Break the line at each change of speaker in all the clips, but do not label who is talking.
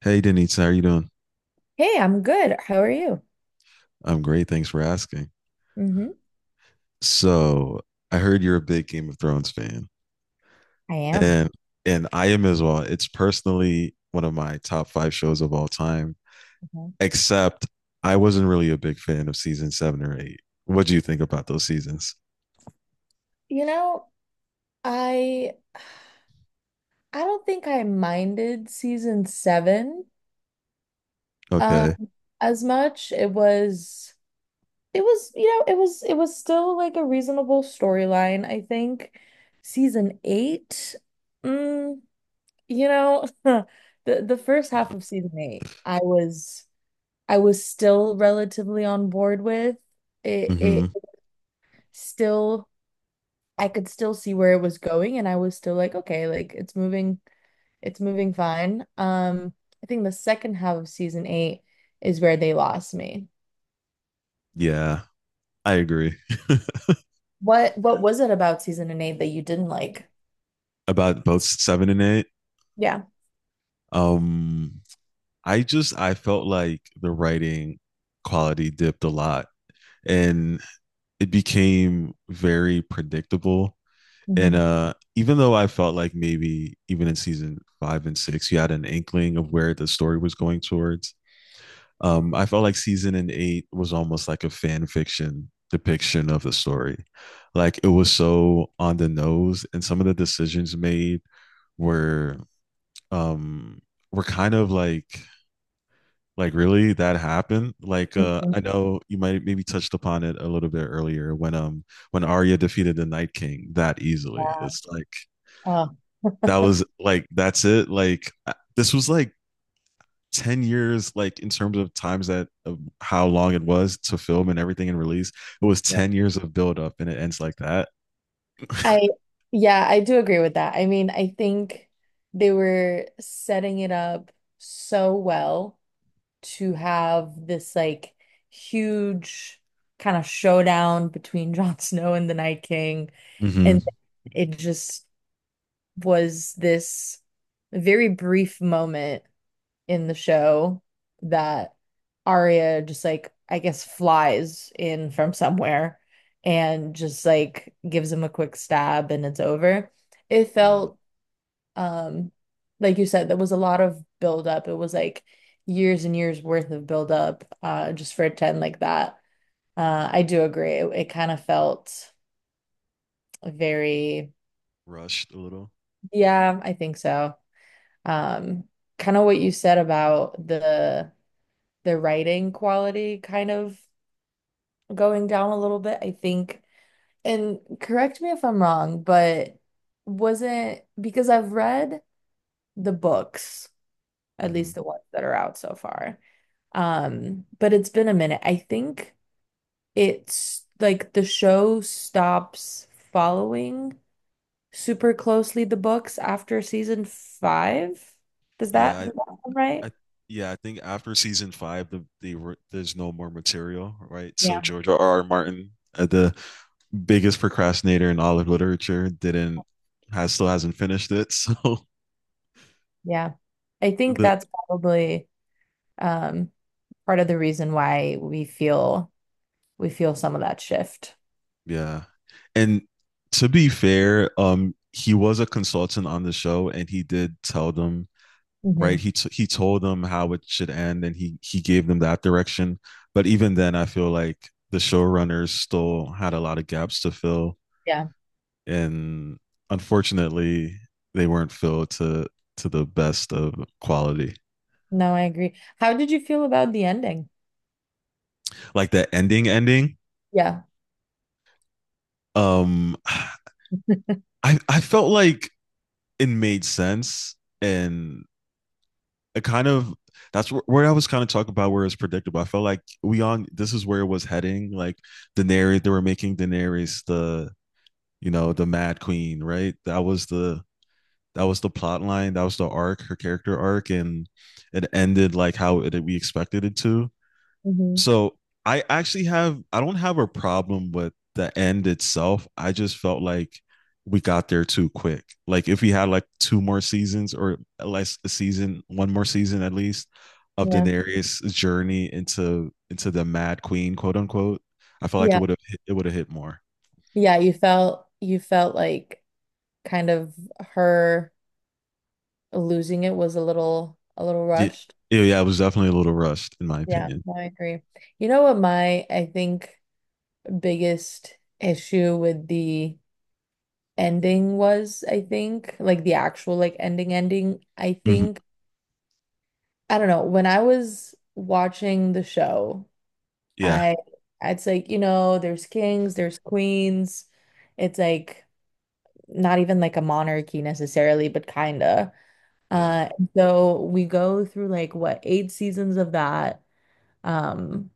Hey, Denise, how are you doing?
Hey, I'm good. How are you?
I'm great. Thanks for asking.
Hmm.
So, I heard you're a big Game of Thrones fan,
I am.
and and I am as well. It's personally one of my top five shows of all time,
Mhm.
except I wasn't really a big fan of season seven or eight. What do you think about those seasons?
You know, I I don't think I minded season seven um
Okay.
as much. It was, you know, it was still like a reasonable storyline, I think. Season eight, mm, you know, the the first half of season eight, I was still relatively on board with. It
hmm
still I could still see where it was going and I was still like, okay, like it's moving fine. I think the second half of season eight is where they lost me.
Yeah, I agree
What was it about season and eight that you didn't like?
about both seven and eight.
Yeah.
Um, I just I felt like the writing quality dipped a lot. And it became very predictable. And
Mhm.
even though I felt like maybe even in season five and six, you had an inkling of where the story was going towards, I felt like season and eight was almost like a fan fiction depiction of the story. Like it was so on the nose, and some of the decisions made were um, were kind of like really that happened? Like
Mhm.
I know you might maybe touched upon it a little bit earlier when when Arya defeated the Night King that easily.
Yeah.
It's like
Oh.
that was like that's it. This was like 10 years like in terms of times that of how long it was to film and everything and release. It was
Yeah.
10 years of build up and it ends like that.
I Yeah, I do agree with that. I mean, I think they were setting it up so well to have this like huge kind of showdown between Jon Snow and the Night King. And
hmm
it just was this very brief moment in the show that Arya just like, I guess, flies in from somewhere and just like gives him a quick stab and it's over. It
Yeah,
felt um like you said there was a lot of buildup. It was like years and years worth of buildup, just for a 10 like that. I do agree, it kind of felt very.
rushed a little.
Yeah, I think so. Um kind of what you said about the writing quality kind of going down a little bit, I think. And correct me if I'm wrong, but wasn't, because I've read the books, at
Hmm
least the ones that are out so far. But it's been a minute. I think it's like the show stops following super closely the books after season five.
Yeah, I
Does that sound right?
yeah, I think after season five, there's no more material, right? So
Yeah,
George R. R. Martin, the biggest procrastinator in all of literature, didn't has still hasn't finished it. So
yeah. I think
the
that's probably um part of the reason why we feel some of that shift.
yeah, and to be fair, he was a consultant on the show, and he did tell them right.
Hmm.
He told them how it should end, and he gave them that direction. But even then, I feel like the showrunners still had a lot of gaps to fill
Yeah.
and unfortunately, they weren't filled to the best of quality.
No, I agree. How did you feel about the ending?
Like that ending, ending.
Yeah.
Um, I I felt like it made sense, and it kind of that's where I was kind of talking about where it's predictable. I felt like we on this is where it was heading. Like Daenerys, they were making Daenerys the you know the Mad Queen, right? That was the plot line. That was the arc, her character arc, and it ended like how it, we expected it to.
Hmm.
So I actually have I don't have a problem with the end itself. I just felt like we got there too quick. Like if we had like two more seasons or less a season, one more season at least of
Yeah.
Daenerys' journey into the Mad Queen, quote unquote, I felt like
Yeah.
it would have hit more.
Yeah, you felt like kind of her losing it was a little
Yeah,
rushed.
yeah, it was definitely a little rushed in my
Yeah,
opinion.
no, I agree. You know what my I think biggest issue with the ending was, I think, like the actual like ending ending, I
Mhm.
think I don't know, when I was watching the show,
Yeah,
I it's like, there's kings, there's queens. It's like not even like a monarchy necessarily, but kinda.
yeah,
And so we go through like what eight seasons of that. Um,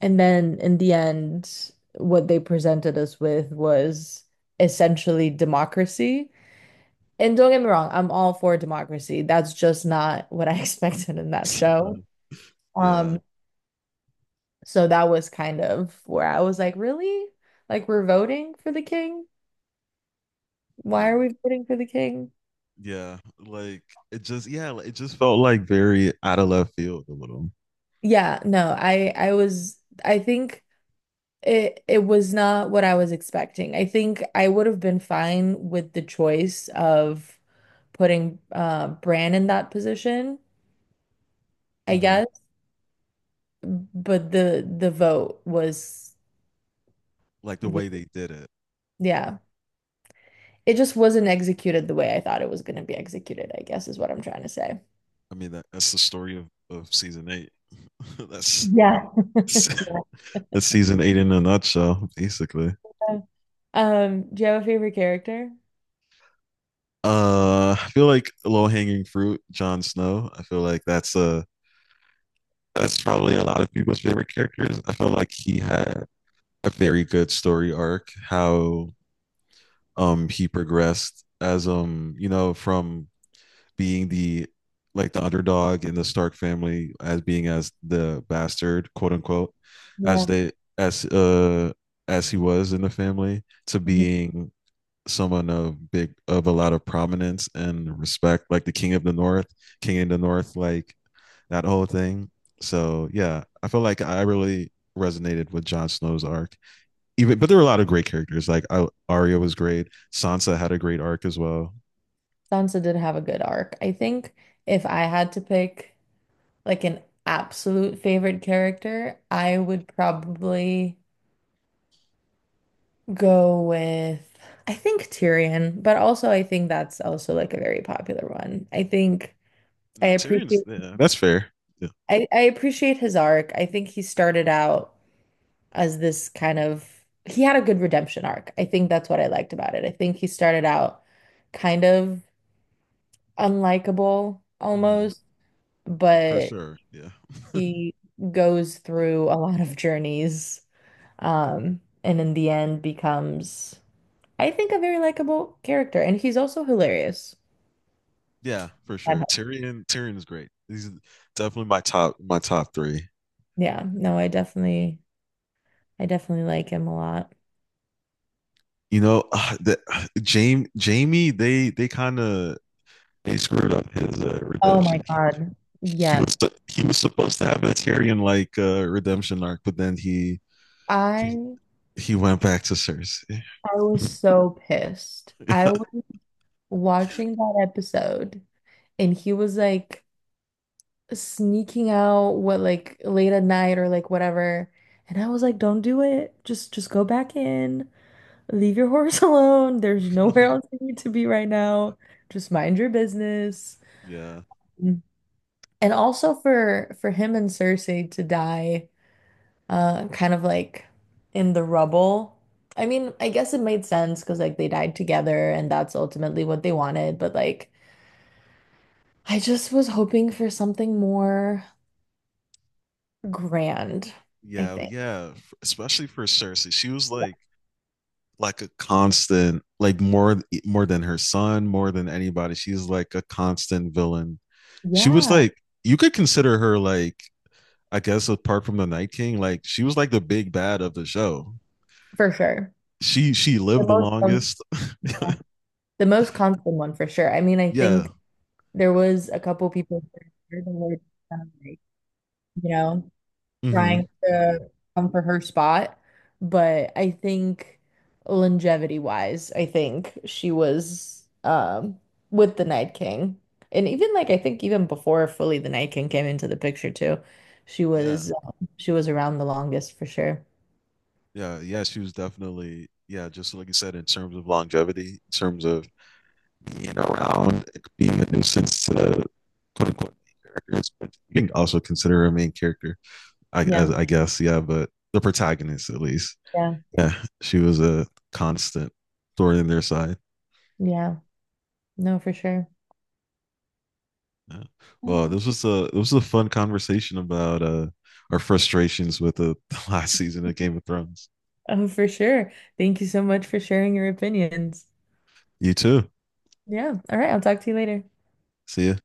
and then in the end, what they presented us with was essentially democracy. And don't get me wrong, I'm all for democracy. That's just not what I expected in that show.
yeah,
Um, so that was kind of where I was like, really? Like we're voting for the king?
yeah.
Why are we voting for the king?
Yeah, like it just yeah, like, it just felt like very out of left field a little.
Yeah, no, I think it was not what I was expecting. I think I would have been fine with the choice of putting Bran in that position, I
Hmm
guess, but the vote was
Like the way
weird.
they did it.
Yeah. It just wasn't executed the way I thought it was going to be executed, I guess is what I'm trying to say.
I mean, that, that's the story of season eight. that's
Yeah. Yeah.
that's season eight in a nutshell, basically.
Do you have a favorite character?
I feel like low hanging fruit, Jon Snow. I feel like that's a that's probably a lot of people's favorite characters. I feel like he had a very good story arc, how he progressed as you know, from being the like the underdog in the Stark family as being as the bastard, quote unquote, as
Yeah.
they as uh as he was in the family to
Mhm.
being someone of big of a lot of prominence and respect, like the King of the North, King of the North, like that whole thing. So yeah, I feel like I really resonated with Jon Snow's arc. Even but there were a lot of great characters. Arya was great. Sansa had a great arc as well.
Sansa did have a good arc. I think if I had to pick like an absolute favorite character, I would probably go with I think Tyrion, but also I think that's also like a very popular one. I think I
Not Tyrion's.
appreciate
Yeah, that's fair. Yeah.
I appreciate his arc. I think he started out as this kind of he had a good redemption arc. I think that's what I liked about it. I think he started out kind of unlikable
hmm
almost,
For
but
sure. Yeah.
he goes through a lot of journeys, and in the end becomes, I think, a very likable character. And he's also hilarious.
Yeah, for
That
sure.
helps.
Tyrion is great. He's definitely my top three.
Yeah, no, I definitely like him a lot.
You know, the Jamie they kind of they screwed up his
Oh my
redemption.
God.
He
Yeah.
was he was supposed to have a Tyrion like redemption arc, but then he
I
he went back to Cersei.
I was so pissed. I was watching that episode and he was like sneaking out what like late at night or like whatever. And I was like, don't do it. Just go back in. Leave your horse alone. There's nowhere else you need to be right now. Just mind your business.
yeah,
Mm. And also for him and Cersei to die, kind of like in the rubble. I mean, I guess it made sense because like they died together and that's ultimately what they wanted, but like I just was hoping for something more grand, I
yeah,
think.
yeah. Especially for Cersei, she was
Yeah,
like a constant, like more more than her son, more than anybody. She's like a constant villain she was
yeah,
like you could consider her like I guess apart from the Night King, like she was like the big bad of the show.
for sure.
She lived the
The most,
longest.
yeah. The most constant one for sure. I mean, I
yeah.
think there was a couple people that were kind of like, you know, trying
Mm-hmm.
to come for her spot, but I think longevity wise, I think she was with the Night King. And even like I think even before fully the Night King came into the picture too, she
Yeah.
was um, she was around the longest for sure.
Yeah. Yeah. She was definitely yeah, just like you said, in terms of longevity, in terms of being around, and being a nuisance to the quote unquote main characters, but you can also consider her a main character,
Yeah,
I guess, yeah, but the protagonist at least.
yeah,
Yeah. She was a constant thorn in their side.
yeah. No, for sure.
Yeah. Well,
Um,
this was a fun conversation about our frustrations with the, the last season of Game of Thrones.
Oh, for sure. Thank you so much for sharing your opinions.
You too.
Yeah. All right. I'll talk to you later.
See ya.